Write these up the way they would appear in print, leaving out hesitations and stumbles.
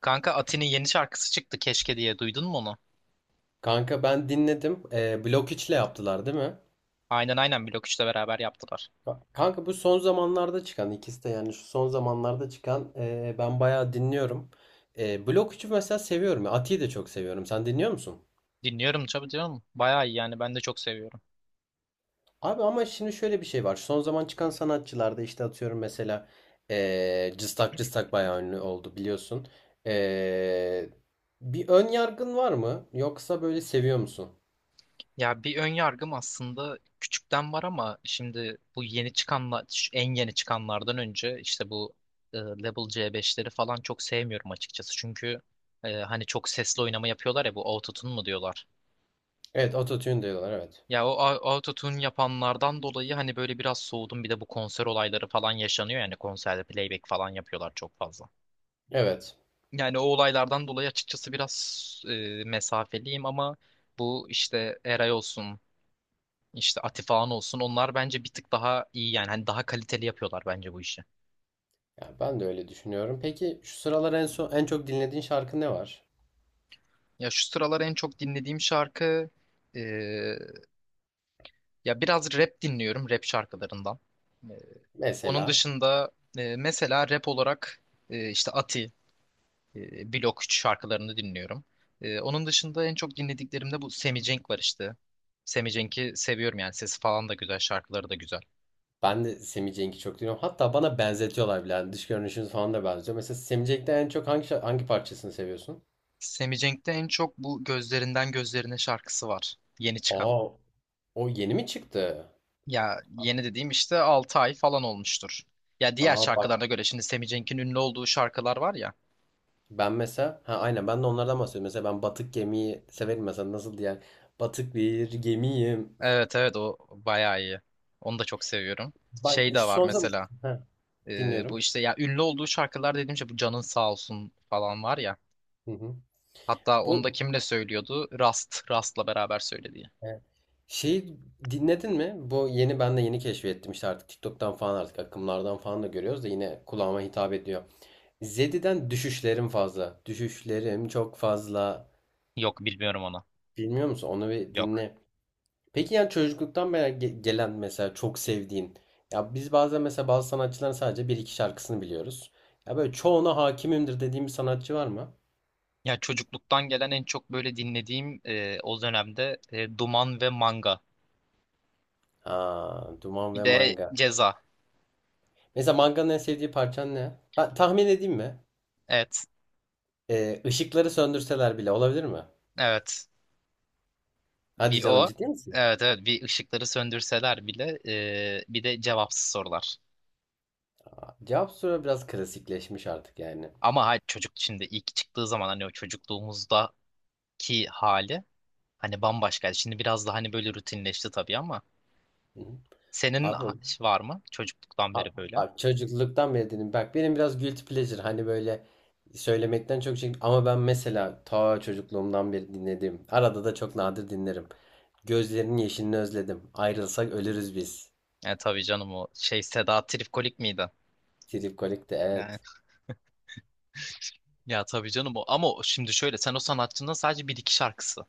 Kanka Ati'nin yeni şarkısı çıktı keşke diye duydun mu onu? Kanka ben dinledim. Blok 3'le yaptılar değil mi? Aynen aynen Blok 3'le beraber yaptılar. Kanka bu son zamanlarda çıkan ikisi de yani şu son zamanlarda çıkan ben bayağı dinliyorum. Blok 3'ü mesela seviyorum. Ati'yi de çok seviyorum. Sen dinliyor musun? Dinliyorum tabii diyorum. Bayağı iyi yani ben de çok seviyorum. Abi ama şimdi şöyle bir şey var. Son zaman çıkan sanatçılarda işte atıyorum mesela Cıstak Cıstak bayağı ünlü oldu biliyorsun. Ee, bir ön yargın var mı? Yoksa böyle seviyor musun? Ya bir ön yargım aslında küçükten var ama şimdi bu yeni çıkanlar şu en yeni çıkanlardan önce işte bu Level C5'leri falan çok sevmiyorum açıkçası. Çünkü hani çok sesli oynama yapıyorlar ya bu autotune mu diyorlar. Evet, autotune diyorlar, evet. Ya o autotune yapanlardan dolayı hani böyle biraz soğudum, bir de bu konser olayları falan yaşanıyor yani konserde playback falan yapıyorlar çok fazla. Evet. Yani o olaylardan dolayı açıkçası biraz mesafeliyim ama bu işte Eray olsun, işte Atifahan olsun, onlar bence bir tık daha iyi yani hani daha kaliteli yapıyorlar bence bu işi. Ya ben de öyle düşünüyorum. Peki şu sıralar en son en çok dinlediğin şarkı ne var? Ya şu sıralar en çok dinlediğim şarkı e, ya biraz rap dinliyorum, rap şarkılarından. E, onun Mesela dışında mesela rap olarak işte Ati, Blok 3 şarkılarını dinliyorum. Onun dışında en çok dinlediklerimde bu Semi Cenk var işte. Semi Cenk'i seviyorum, yani sesi falan da güzel, şarkıları da güzel. ben de Semih Cenk'i çok dinliyorum. Hatta bana benzetiyorlar bile. Yani dış görünüşümüz falan da benziyor. Mesela Semih Cenk'te en çok hangi hangi parçasını seviyorsun? Semi Cenk'te en çok bu Gözlerinden Gözlerine şarkısı var. Yeni çıkan. Aa, o yeni mi çıktı? Ya yeni dediğim işte 6 ay falan olmuştur. Ya diğer Aa bak, şarkılarına göre, şimdi Semi Cenk'in ünlü olduğu şarkılar var ya. ben mesela ha aynen ben de onlardan bahsediyorum. Mesela ben batık gemiyi severim mesela nasıl diye. Batık bir gemiyim. Evet evet, o bayağı iyi. Onu da çok seviyorum. Şey Bak de şu var son zaman mesela. ha, Bu dinliyorum. işte ya, ünlü olduğu şarkılar dediğimce bu Canın Sağ Olsun falan var ya. Hı hı. Hatta onu da Bu kimle söylüyordu? Rast'la beraber söylediği. evet. Şeyi dinledin mi? Bu yeni ben de yeni keşfettim işte artık TikTok'tan falan artık akımlardan falan da görüyoruz da yine kulağıma hitap ediyor. Zedi'den düşüşlerim fazla. Düşüşlerim çok fazla. Yok, bilmiyorum onu. Bilmiyor musun? Onu bir Yok. dinle. Peki yani çocukluktan beri gelen mesela çok sevdiğin. Ya biz bazen mesela bazı sanatçıların sadece bir iki şarkısını biliyoruz. Ya böyle çoğuna hakimimdir dediğim bir sanatçı var mı? Ya çocukluktan gelen en çok böyle dinlediğim o dönemde Duman ve Manga. Aa, Duman Bir ve de Manga. Ceza. Mesela Manga'nın en sevdiği parçan ne? Ha, tahmin edeyim mi? Evet. Işıkları söndürseler bile olabilir mi? Evet. Hadi Bir canım, o. ciddi misin? Evet evet, bir ışıkları söndürseler bile, bir de cevapsız sorular. Cevap soru biraz klasikleşmiş artık yani. Ama hayır, çocuk şimdi ilk çıktığı zaman hani o çocukluğumuzdaki hali hani bambaşkaydı. Şimdi biraz daha hani böyle rutinleşti tabii ama Hı hı. senin Abi, var mı çocukluktan a- beri böyle? abi çocukluktan beri dedim. Bak, benim biraz guilty pleasure hani böyle söylemekten çok şey ama ben mesela ta çocukluğumdan beri dinlediğim arada da çok nadir dinlerim. Gözlerinin yeşilini özledim. Ayrılsak ölürüz biz. Tabii canım, o şey Seda Tripkolik miydi? Trip Kolik'te Yani, evet. ya tabii canım o. Ama şimdi şöyle, sen o sanatçının sadece bir iki şarkısı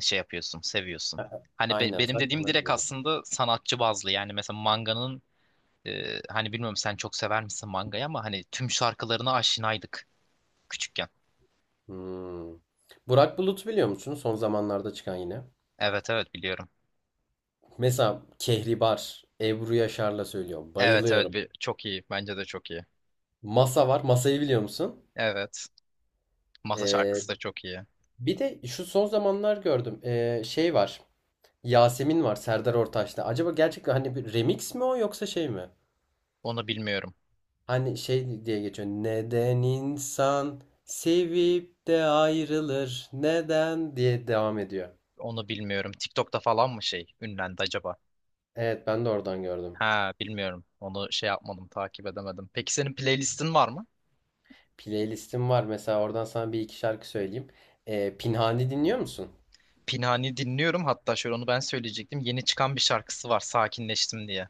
şey yapıyorsun, seviyorsun. A- Hani Aynen, benim sen dediğim onu direkt biliyorum. aslında sanatçı bazlı. Yani mesela Manga'nın hani bilmiyorum, sen çok sever misin Manga'yı, ama hani tüm şarkılarına aşinaydık küçükken. Hmm. Burak Bulut biliyor musun? Son zamanlarda çıkan yine. Evet evet biliyorum. Mesela Kehribar, Ebru Yaşar'la söylüyorum. Evet evet Bayılıyorum. bir, çok iyi. Bence de çok iyi. Masa var. Masayı biliyor musun? Evet. Masa Ee, şarkısı da çok iyi. bir de şu son zamanlar gördüm. Şey var. Yasemin var Serdar Ortaç'ta. Acaba gerçekten hani bir remix mi o yoksa şey mi? Onu bilmiyorum. Hani şey diye geçiyor. Neden insan sevip de ayrılır? Neden diye devam ediyor. Onu bilmiyorum. TikTok'ta falan mı şey ünlendi acaba? Evet, ben de oradan gördüm. Ha, bilmiyorum. Onu şey yapmadım, takip edemedim. Peki senin playlistin var mı? Playlistim var. Mesela oradan sana bir iki şarkı söyleyeyim. Pinhani dinliyor musun? Pinhani dinliyorum. Hatta şöyle, onu ben söyleyecektim. Yeni çıkan bir şarkısı var. Sakinleştim diye.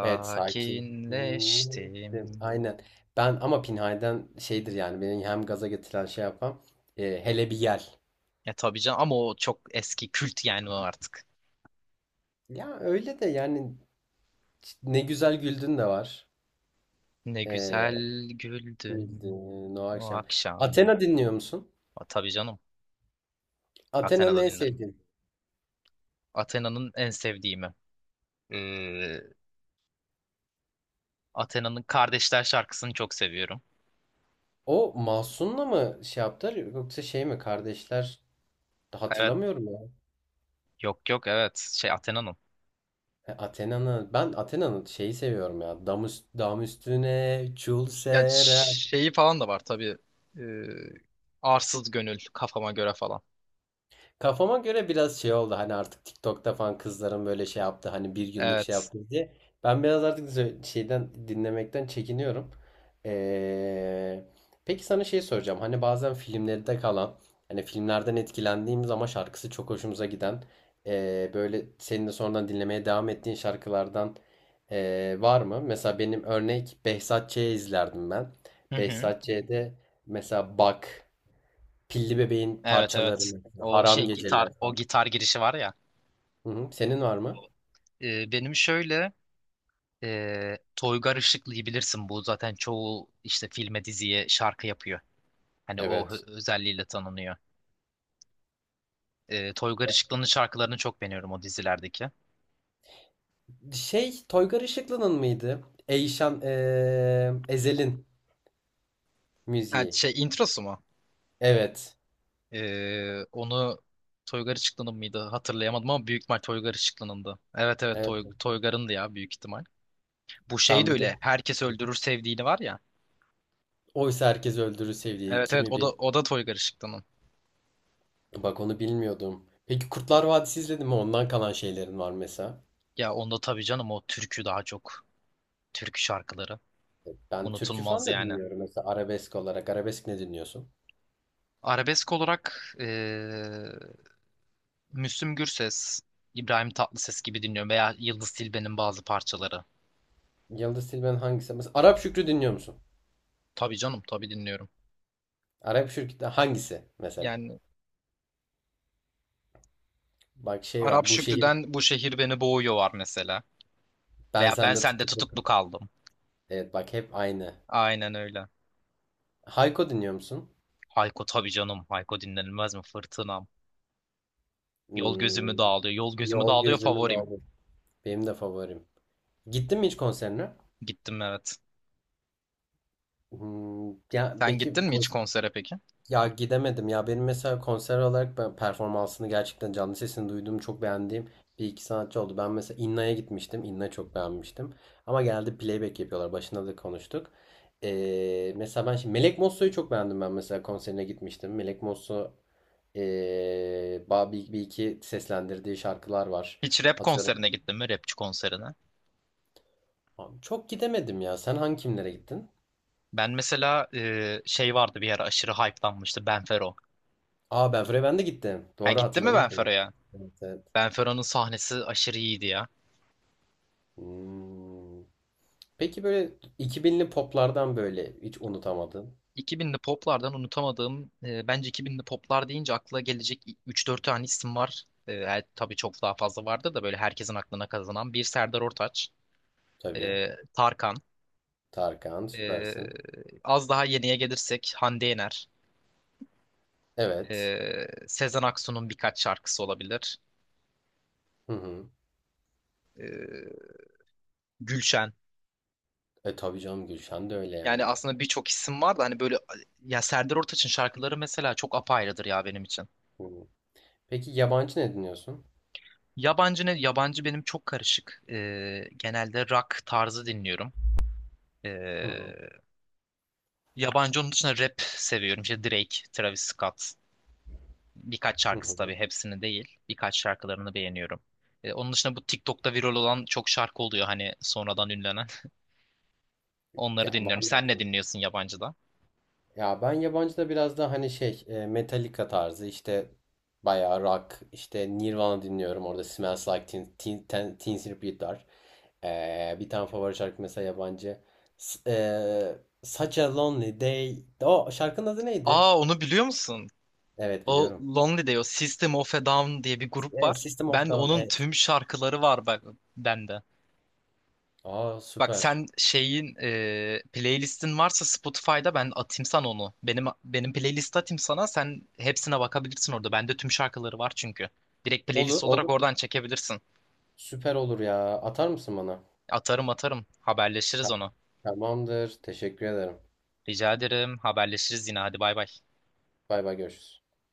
Evet, sakin. Hmm, aynen. Ben ama Pinhay'den şeydir yani beni hem gaza getiren şey yapan hele bir gel. Ya tabii canım, ama o çok eski kült yani o artık. Ya öyle de yani, ne güzel güldün de var. Ne E, güzel güldün güldün o o akşam. akşam. Athena dinliyor musun? A, tabii canım. Athena'nın Athena'da en dinlerim. sevdiğin. Athena'nın en sevdiğimi. Ee, Athena'nın Kardeşler şarkısını çok seviyorum. O Mahsun'la mı şey yaptılar yoksa şey mi kardeşler, Evet. hatırlamıyorum ya. Yok yok, evet. Şey, Athena'nın. Athena'nın, ben Athena'nın şeyi seviyorum ya. Dam, dam üstüne çul Ya serer. şeyi falan da var tabii. Ee, arsız gönül, kafama göre falan. Kafama göre biraz şey oldu hani artık TikTok'ta falan kızların böyle şey yaptı hani bir günlük şey Evet. yaptı diye. Ben biraz artık şeyden dinlemekten çekiniyorum. Ee, peki sana şey soracağım, hani bazen filmlerde kalan, hani filmlerden etkilendiğimiz ama şarkısı çok hoşumuza giden böyle senin de sonradan dinlemeye devam ettiğin şarkılardan var mı? Mesela benim örnek Behzat Ç'yi izlerdim ben. Hı hı. Behzat Ç'de mesela bak, Pilli Bebeğin Evet evet. parçalarını, O Haram şey gitar, Geceler o falan. gitar girişi var ya. Hı hı. Senin var mı? Benim şöyle, Toygar Işıklı'yı bilirsin. Bu zaten çoğu işte filme, diziye şarkı yapıyor. Hani o Evet. özelliğiyle tanınıyor. Toygar Işıklı'nın şarkılarını çok beğeniyorum, o dizilerdeki. Şey, Toygar Işıklı'nın mıydı? Eyşan Ezel'in Ha, müziği. şey introsu mu? Evet. Onu Toygar Işıklı'nın mıydı? Hatırlayamadım ama büyük ihtimal Toygar Işıklı'nındı. Evet evet, Evet. Toygar'ındı ya büyük ihtimal. Bu şey de Ben bir de öyle. Herkes Öldürür Sevdiğini var ya. oysa herkes öldürür sevdiği Evet evet, kimi o da bir, o da Toygar Işıklı'nın. bak onu bilmiyordum. Peki Kurtlar Vadisi izledin mi? Ondan kalan şeylerin var mesela. Ya onda tabii canım, o türkü daha çok. Türkü şarkıları. Ben türkü falan Unutulmaz da yani. dinliyorum mesela, arabesk olarak. Arabesk ne dinliyorsun? Arabesk olarak Müslüm Gürses, İbrahim Tatlıses gibi dinliyorum, veya Yıldız Tilbe'nin bazı parçaları. Yıldız Tilbe'nin hangisi? Mesela Arap Şükrü dinliyor musun? Tabii canım, tabii dinliyorum. Arap Şükrü'den hangisi mesela? Yani Bak şey Arap var. Bu şehir, Şükrü'den Bu Şehir Beni Boğuyor var mesela. ben Veya ben sende sende tutukluk. tutuklu kaldım. Evet, bak hep aynı. Aynen öyle. Hayko dinliyor musun? Hayko tabii canım. Hayko dinlenilmez mi? Fırtınam. Yol Hmm, gözümü dağılıyor. Yol gözümü Yol dağılıyor Gözümü favorim. Doldu. Benim de favorim. Gittin mi hiç konserine? Gittim evet. Hmm, ya Sen belki. gittin mi hiç konsere peki? Ya gidemedim ya, benim mesela konser olarak ben performansını gerçekten canlı sesini duyduğum çok beğendiğim bir iki sanatçı oldu. Ben mesela İnna'ya gitmiştim. İnna çok beğenmiştim. Ama geldi playback yapıyorlar. Başında da konuştuk. Mesela ben şimdi Melek Mosso'yu çok beğendim, ben mesela konserine gitmiştim. Melek Mosso ee, bir iki seslendirdiği şarkılar var. Hiç rap Atıyorum. konserine gittin mi? Rapçi konserine. Abi, çok gidemedim ya. Sen hangi kimlere gittin? Ben mesela şey vardı, bir ara aşırı hype'lanmıştı. Benfero. Aa, ben Freven'de gittim. Ha, Doğru gitti mi hatırladım şimdi. Benfero'ya? Evet, evet. Benfero'nun sahnesi aşırı iyiydi ya. Hmm. Peki böyle 2000'li poplardan böyle hiç unutamadın. 2000'li poplardan unutamadığım, bence 2000'li poplar deyince akla gelecek 3-4 tane isim var. Tabii çok daha fazla vardı da, böyle herkesin aklına kazanan bir Serdar Ortaç, Tabii. e, Tarkan, Tarkan e, süpersin. az daha yeniye gelirsek Hande Yener, Evet. Sezen Aksu'nun birkaç şarkısı olabilir, Hı hı. e, Gülşen. E tabii canım, Gülşen de öyle Yani yani. aslında birçok isim var da hani böyle, ya Serdar Ortaç'ın şarkıları mesela çok apayrıdır ya benim için. Hı hı. Peki yabancı ne dinliyorsun? Yabancı ne? Yabancı benim çok karışık. Genelde rock tarzı dinliyorum. Hı hı. Ee, yabancı onun dışında rap seviyorum. İşte Drake, Travis Scott. Birkaç Hı şarkısı hı. tabii, hepsini değil. Birkaç şarkılarını beğeniyorum. Onun dışında bu TikTok'ta viral olan çok şarkı oluyor hani sonradan ünlenen. Onları Ya dinliyorum. var Sen ne mı? dinliyorsun yabancıda? Ya ben yabancıda biraz daha hani şey, Metallica tarzı işte, bayağı rock işte Nirvana dinliyorum, orada Smells Like Teen, Teen, Teen, Teen Spirit var. Bir tane favori şarkı mesela yabancı. S Such a Lonely Day. O şarkının adı neydi? Aa, onu biliyor musun? Evet, O biliyorum. Lonely Day, o System of a Down diye bir grup E, var. System of Ben Down, onun evet. tüm şarkıları var bak bende. Aa, Bak süper. sen şeyin playlistin varsa Spotify'da, ben atayım sana onu. Benim playlist atayım sana. Sen hepsine bakabilirsin orada. Bende tüm şarkıları var çünkü. Direkt Olur, playlist olarak olur. oradan çekebilirsin. Süper olur ya. Atar mısın bana? Atarım atarım. Haberleşiriz Tamam. onu. Tamamdır. Teşekkür ederim. Rica ederim. Haberleşiriz yine. Hadi bay bay. Bay bay, görüşürüz.